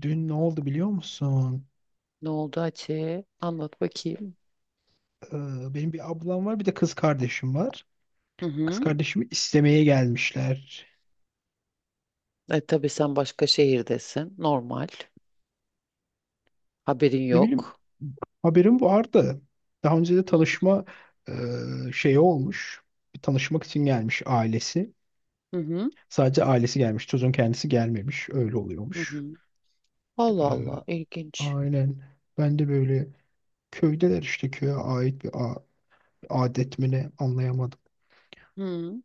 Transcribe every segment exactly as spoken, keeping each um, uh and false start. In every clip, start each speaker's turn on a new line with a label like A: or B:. A: Dün ne oldu biliyor musun?
B: Ne oldu Hatice? Anlat bakayım.
A: Ee, benim bir ablam var, bir de kız kardeşim var.
B: Hı
A: Kız
B: hı.
A: kardeşimi istemeye gelmişler.
B: E tabii sen başka şehirdesin. Normal. Haberin
A: Ne bileyim,
B: yok.
A: haberim vardı. Daha önce de tanışma e, şeyi olmuş. Bir tanışmak için gelmiş ailesi.
B: Hı hı.
A: Sadece ailesi gelmiş, çocuğun kendisi gelmemiş. Öyle
B: Hı
A: oluyormuş.
B: hı. Allah
A: Ee,
B: Allah. İlginç.
A: aynen. Ben de böyle köydeler işte köye ait bir a- adet mi ne anlayamadım.
B: Hı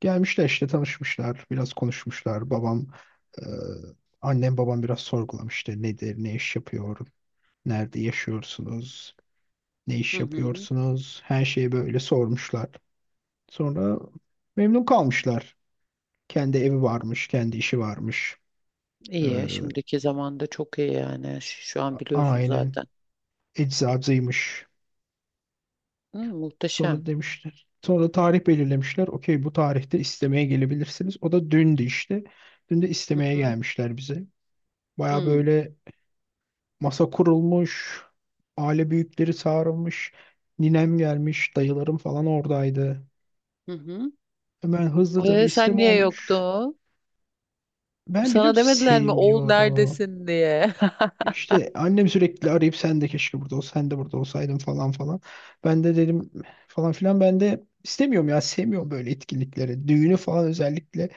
A: Gelmişler işte tanışmışlar, biraz konuşmuşlar. Babam, e, Annem babam biraz sorgulamış işte nedir, ne iş yapıyor, nerede yaşıyorsunuz, ne
B: hı.
A: iş
B: Hı.
A: yapıyorsunuz, her şeyi böyle sormuşlar. Sonra memnun kalmışlar. Kendi evi varmış, kendi işi varmış. E,
B: İyi. Şimdiki zamanda çok iyi yani. Ş- Şu an biliyorsun
A: aynen
B: zaten.
A: eczacıymış.
B: Hı, muhteşem.
A: Sonra demişler. Sonra tarih belirlemişler. Okey, bu tarihte istemeye gelebilirsiniz. O da dündü işte. Dün de
B: Hı
A: istemeye
B: hı.
A: gelmişler bize. Baya
B: Hı
A: böyle Masa kurulmuş, aile büyükleri çağrılmış, ninem gelmiş, dayılarım falan oradaydı.
B: hı. Hı.
A: Hemen hızlıca bir
B: E, sen
A: isteme
B: niye
A: olmuş.
B: yoktun?
A: Ben biliyor
B: Sana
A: musun
B: demediler mi oğul
A: sevmiyorum.
B: neredesin diye?
A: İşte annem sürekli arayıp sen de keşke burada ol, sen de burada olsaydın falan falan. Ben de dedim falan filan, ben de istemiyorum ya, sevmiyorum böyle etkinlikleri. Düğünü falan özellikle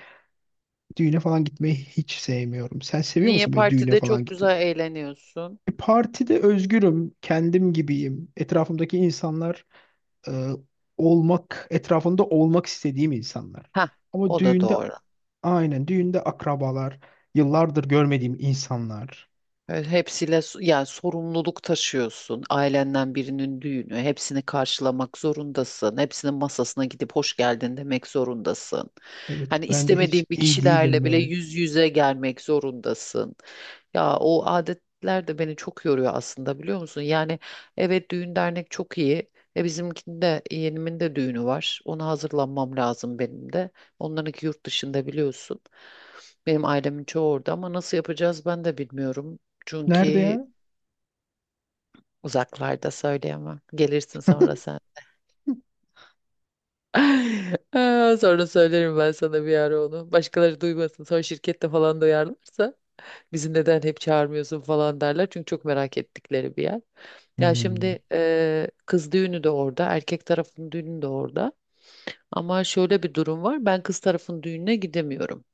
A: düğüne falan gitmeyi hiç sevmiyorum. Sen seviyor
B: Niye
A: musun böyle düğüne
B: partide
A: falan
B: çok
A: gitmeyi?
B: güzel eğleniyorsun?
A: E, Partide özgürüm, kendim gibiyim. Etrafımdaki insanlar e, olmak etrafında olmak istediğim insanlar.
B: Ha,
A: Ama
B: o da
A: düğünde,
B: doğru.
A: aynen, düğünde akrabalar, yıllardır görmediğim insanlar.
B: Evet, hepsiyle s- yani sorumluluk taşıyorsun. Ailenden birinin düğünü, hepsini karşılamak zorundasın. Hepsinin masasına gidip hoş geldin demek zorundasın.
A: Evet,
B: Hani
A: ben de hiç
B: istemediğin bir
A: iyi değilim
B: kişilerle bile
A: böyle.
B: yüz yüze gelmek zorundasın. Ya o adetler de beni çok yoruyor aslında biliyor musun? Yani evet düğün dernek çok iyi. E bizimkinde yeğenimin de düğünü var. Ona hazırlanmam lazım benim de. Onlarınki yurt dışında biliyorsun. Benim ailemin çoğu orada ama nasıl yapacağız ben de bilmiyorum.
A: Nerede
B: Çünkü
A: ya?
B: uzaklarda söyleyemem. Gelirsin sonra sen. Aa, sonra söylerim ben sana bir ara onu. Başkaları duymasın. Sonra şirkette falan duyarlarsa bizi neden hep çağırmıyorsun falan derler. Çünkü çok merak ettikleri bir yer. Ya
A: Hmm.
B: şimdi eee, kız düğünü de orada, erkek tarafın düğünü de orada. Ama şöyle bir durum var. Ben kız tarafın düğününe gidemiyorum.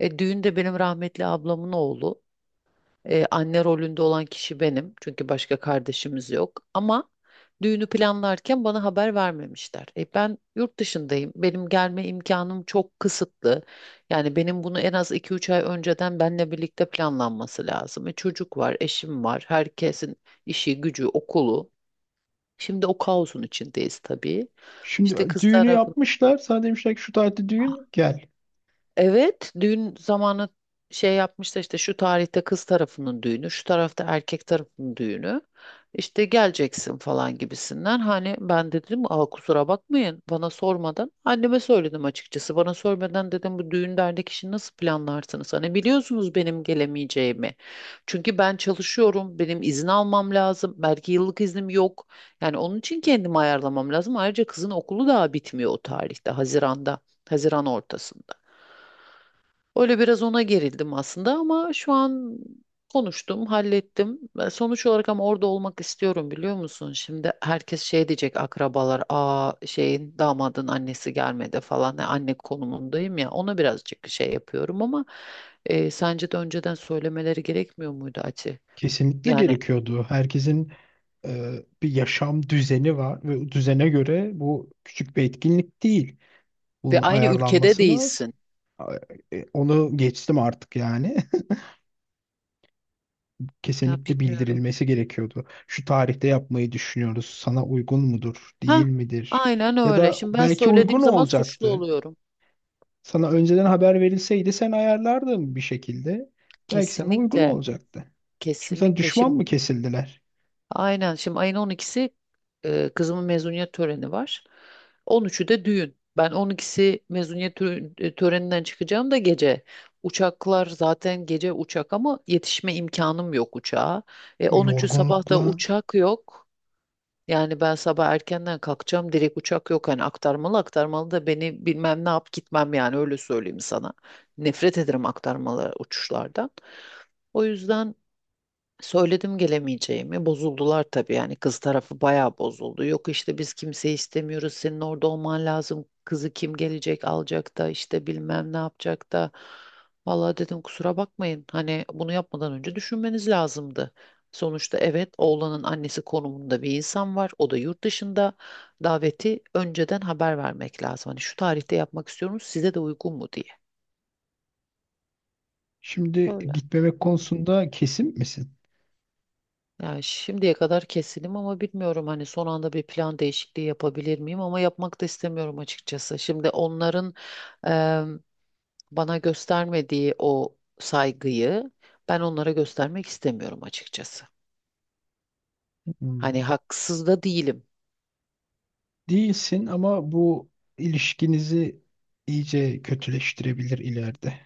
B: E, düğün de benim rahmetli ablamın oğlu. Ee, anne rolünde olan kişi benim. Çünkü başka kardeşimiz yok. Ama düğünü planlarken bana haber vermemişler. E, ben yurt dışındayım. Benim gelme imkanım çok kısıtlı. Yani benim bunu en az iki üç ay önceden benle birlikte planlanması lazım. E, çocuk var, eşim var. Herkesin işi, gücü, okulu. Şimdi o kaosun içindeyiz tabii.
A: Şimdi
B: İşte
A: e,
B: kız
A: düğünü
B: tarafı.
A: yapmışlar. Sana demişler ki şu tarihte düğün, gel.
B: Evet, düğün zamanı şey yapmışlar işte şu tarihte kız tarafının düğünü, şu tarafta erkek tarafının düğünü. İşte geleceksin falan gibisinden. Hani ben de dedim aa, kusura bakmayın bana sormadan. Anneme söyledim açıkçası. Bana sormadan dedim bu düğün dernek işini nasıl planlarsınız? Hani biliyorsunuz benim gelemeyeceğimi. Çünkü ben çalışıyorum. Benim izin almam lazım. Belki yıllık iznim yok. Yani onun için kendimi ayarlamam lazım. Ayrıca kızın okulu daha bitmiyor o tarihte. Haziran'da. Haziran ortasında. Öyle biraz ona gerildim aslında ama şu an konuştum, hallettim. Ben sonuç olarak ama orada olmak istiyorum biliyor musun? Şimdi herkes şey diyecek akrabalar, aa şeyin damadın annesi gelmedi falan. Yani anne konumundayım ya ona birazcık şey yapıyorum ama e, sence de önceden söylemeleri gerekmiyor muydu Ati?
A: Kesinlikle
B: Yani
A: gerekiyordu. Herkesin e, bir yaşam düzeni var ve o düzene göre bu küçük bir etkinlik değil.
B: ve
A: Bunun
B: aynı ülkede
A: ayarlanması lazım.
B: değilsin.
A: A- e, Onu geçtim artık yani.
B: Ya
A: Kesinlikle
B: bilmiyorum.
A: bildirilmesi gerekiyordu. Şu tarihte yapmayı düşünüyoruz. Sana uygun mudur, değil
B: Ha,
A: midir?
B: aynen
A: Ya
B: öyle.
A: da
B: Şimdi ben
A: belki
B: söylediğim
A: uygun
B: zaman suçlu
A: olacaktı.
B: oluyorum.
A: Sana önceden haber verilseydi sen ayarlardın bir şekilde. Belki sana uygun
B: Kesinlikle,
A: olacaktı. Şimdi sen
B: kesinlikle.
A: düşman
B: Şimdi.
A: mı kesildiler?
B: Aynen. Şimdi ayın on ikisi e, kızımın mezuniyet töreni var. On üçü de düğün. Ben on ikisi mezuniyet tö- e, töreninden çıkacağım da gece. Uçaklar zaten gece uçak ama yetişme imkanım yok uçağa. E,
A: Bu
B: on üçü sabah da
A: yorgunlukla
B: uçak yok. Yani ben sabah erkenden kalkacağım. Direkt uçak yok. Hani aktarmalı aktarmalı da beni bilmem ne yap gitmem yani öyle söyleyeyim sana. Nefret ederim aktarmalı uçuşlardan. O yüzden söyledim gelemeyeceğimi. Bozuldular tabii yani kız tarafı bayağı bozuldu. Yok işte biz kimseyi istemiyoruz. Senin orada olman lazım. Kızı kim gelecek alacak da işte bilmem ne yapacak da. Vallahi dedim kusura bakmayın. Hani bunu yapmadan önce düşünmeniz lazımdı. Sonuçta evet oğlanın annesi konumunda bir insan var. O da yurt dışında. Daveti önceden haber vermek lazım. Hani şu tarihte yapmak istiyorum size de uygun mu diye.
A: şimdi
B: Öyle.
A: gitmemek konusunda kesin misin?
B: Yani şimdiye kadar kesinim ama bilmiyorum hani son anda bir plan değişikliği yapabilir miyim ama yapmak da istemiyorum açıkçası. Şimdi onların em, bana göstermediği o saygıyı ben onlara göstermek istemiyorum açıkçası.
A: Hmm.
B: Hani haksız da değilim.
A: Değilsin, ama bu ilişkinizi iyice kötüleştirebilir ileride.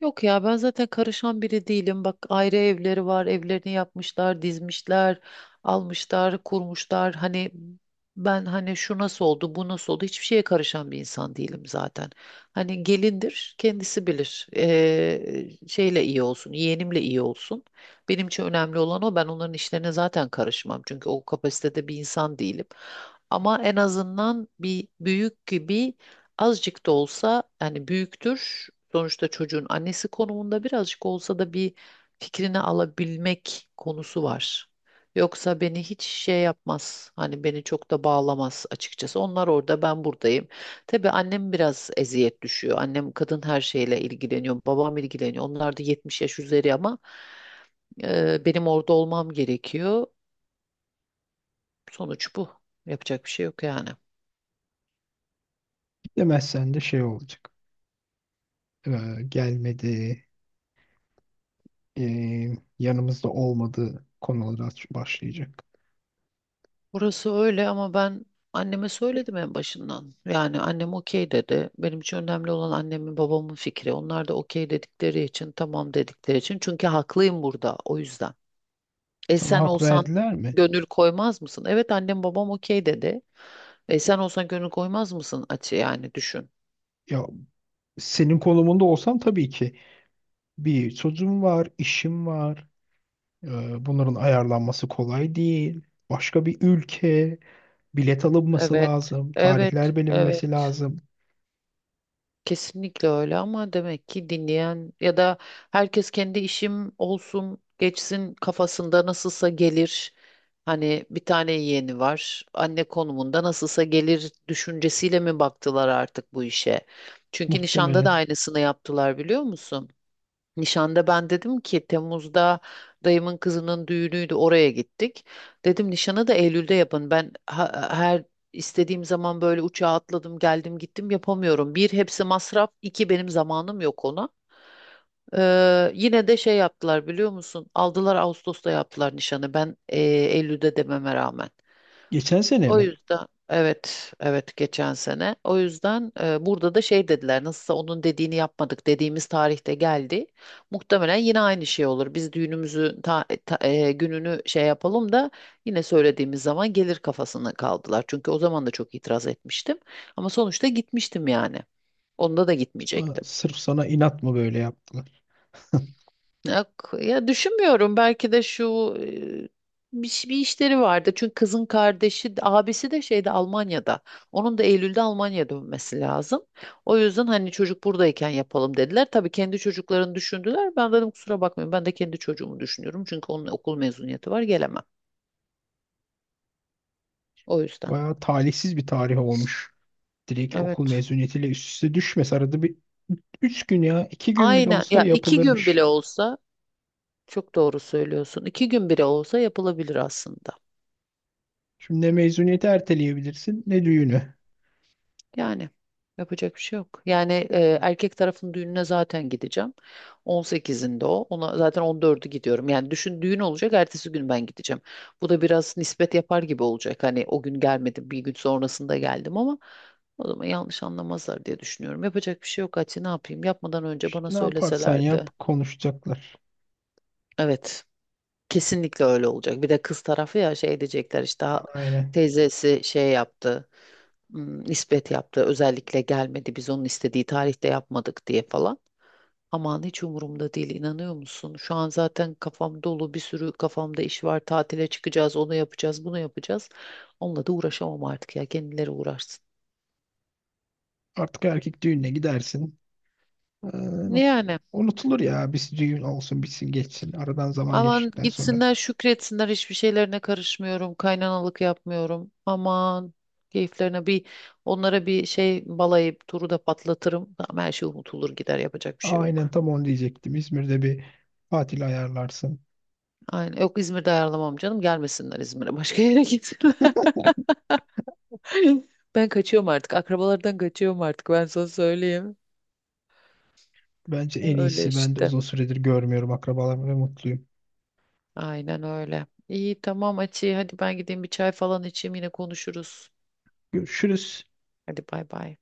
B: Yok ya ben zaten karışan biri değilim. Bak ayrı evleri var. Evlerini yapmışlar, dizmişler, almışlar, kurmuşlar. Hani ben hani şu nasıl oldu, bu nasıl oldu hiçbir şeye karışan bir insan değilim zaten. Hani gelindir, kendisi bilir. Ee, şeyle iyi olsun, yeğenimle iyi olsun. Benim için önemli olan o. Ben onların işlerine zaten karışmam. Çünkü o kapasitede bir insan değilim. Ama en azından bir büyük gibi azıcık da olsa yani büyüktür. Sonuçta çocuğun annesi konumunda birazcık olsa da bir fikrini alabilmek konusu var. Yoksa beni hiç şey yapmaz. Hani beni çok da bağlamaz açıkçası. Onlar orada, ben buradayım. Tabii annem biraz eziyet düşüyor. Annem kadın her şeyle ilgileniyor. Babam ilgileniyor. Onlar da yetmiş yaş üzeri ama e, benim orada olmam gerekiyor. Sonuç bu. Yapacak bir şey yok yani.
A: Demezsen de şey olacak. Ee, Gelmedi, ee, yanımızda olmadı konulara aç- başlayacak.
B: Burası öyle ama ben anneme
A: E,
B: söyledim en başından. Yani annem okey dedi. Benim için önemli olan annemin babamın fikri. Onlar da okey dedikleri için, tamam dedikleri için. Çünkü haklıyım burada o yüzden. E
A: Sana
B: sen
A: hak
B: olsan
A: verdiler mi?
B: gönül koymaz mısın? Evet annem babam okey dedi. E sen olsan gönül koymaz mısın? Açı yani düşün.
A: Ya, senin konumunda olsam tabii ki bir çocuğum var, işim var. Ee, Bunların ayarlanması kolay değil. Başka bir ülke, bilet alınması
B: Evet,
A: lazım,
B: evet,
A: tarihler bilinmesi
B: evet.
A: lazım.
B: Kesinlikle öyle ama demek ki dinleyen ya da herkes kendi işim olsun geçsin kafasında nasılsa gelir. Hani bir tane yeğeni var. Anne konumunda nasılsa gelir düşüncesiyle mi baktılar artık bu işe? Çünkü nişanda da
A: Muhtemelen.
B: aynısını yaptılar biliyor musun? Nişanda ben dedim ki Temmuz'da dayımın kızının düğünüydü oraya gittik. Dedim nişanı da Eylül'de yapın. Ben ha- her istediğim zaman böyle uçağa atladım geldim gittim yapamıyorum. Bir hepsi masraf, iki benim zamanım yok ona. Ee, yine de şey yaptılar biliyor musun? Aldılar Ağustos'ta yaptılar nişanı. Ben e, Eylül'de dememe rağmen.
A: Geçen sene
B: O
A: mi?
B: yüzden evet evet geçen sene. O yüzden e, burada da şey dediler nasılsa onun dediğini yapmadık dediğimiz tarihte geldi. Muhtemelen yine aynı şey olur. Biz düğünümüzü ta- ta- e, gününü şey yapalım da yine söylediğimiz zaman gelir kafasına kaldılar. Çünkü o zaman da çok itiraz etmiştim. Ama sonuçta gitmiştim yani. Onda da
A: Aa,
B: gitmeyecektim.
A: sırf sana inat mı böyle yaptılar?
B: Ya, k- ya düşünmüyorum belki de şu e, bir, ş- bir işleri vardı. Çünkü kızın kardeşi, de- abisi de şeyde Almanya'da. Onun da Eylül'de Almanya'ya dönmesi lazım. O yüzden hani çocuk buradayken yapalım dediler. Tabii kendi çocuklarını düşündüler. Ben dedim kusura bakmayın ben de kendi çocuğumu düşünüyorum. Çünkü onun okul mezuniyeti var gelemem. O yüzden.
A: Bayağı talihsiz bir tarih olmuş. Direkt okul
B: Evet.
A: mezuniyetiyle üst üste düşmez. Arada bir üç gün ya iki gün bile
B: Aynen
A: olsa
B: ya iki gün
A: yapılırmış.
B: bile olsa çok doğru söylüyorsun. İki gün bile olsa yapılabilir aslında.
A: Şimdi ne mezuniyeti erteleyebilirsin ne düğünü.
B: Yani yapacak bir şey yok. Yani e, erkek tarafın düğününe zaten gideceğim. on sekizinde o. Ona zaten on dördü gidiyorum. Yani düşün düğün olacak, ertesi gün ben gideceğim. Bu da biraz nispet yapar gibi olacak. Hani o gün gelmedim, bir gün sonrasında geldim ama o zaman yanlış anlamazlar diye düşünüyorum. Yapacak bir şey yok Hatice, ne yapayım? Yapmadan önce bana
A: İşte ne yaparsan yap
B: söyleselerdi.
A: konuşacaklar.
B: Evet. Kesinlikle öyle olacak. Bir de kız tarafı ya şey diyecekler işte "Ha,
A: Aynen.
B: teyzesi şey yaptı. Hmm, nispet yaptı. Özellikle gelmedi biz onun istediği tarihte yapmadık diye falan. Aman hiç umurumda değil inanıyor musun? Şu an zaten kafam dolu bir sürü kafamda iş var. Tatile çıkacağız, onu yapacağız, bunu yapacağız. Onunla da uğraşamam artık ya kendileri uğraşsın.
A: Artık erkek düğününe gidersin. Ee,
B: Yani
A: Unutulur ya. Biz düğün olsun, bitsin, geçsin. Aradan zaman
B: aman
A: geçtikten sonra.
B: gitsinler şükretsinler hiçbir şeylerine karışmıyorum. Kaynanalık yapmıyorum. Aman keyiflerine bir onlara bir şey balayıp turu da patlatırım. Tamam, her şey unutulur gider yapacak bir şey
A: Aynen,
B: yok.
A: tam onu diyecektim. İzmir'de bir tatil ayarlarsın.
B: Aynen. Yok İzmir'de ayarlamam canım. Gelmesinler İzmir'e. Başka yere gitsinler. Ben kaçıyorum artık. Akrabalardan kaçıyorum artık. Ben sana söyleyeyim.
A: Bence en
B: Öyle
A: iyisi. Ben de
B: işte.
A: uzun süredir görmüyorum akrabalarımı ve mutluyum.
B: Aynen öyle. İyi tamam Açı. Hadi ben gideyim bir çay falan içeyim. Yine konuşuruz.
A: Görüşürüz.
B: Hadi bay bay.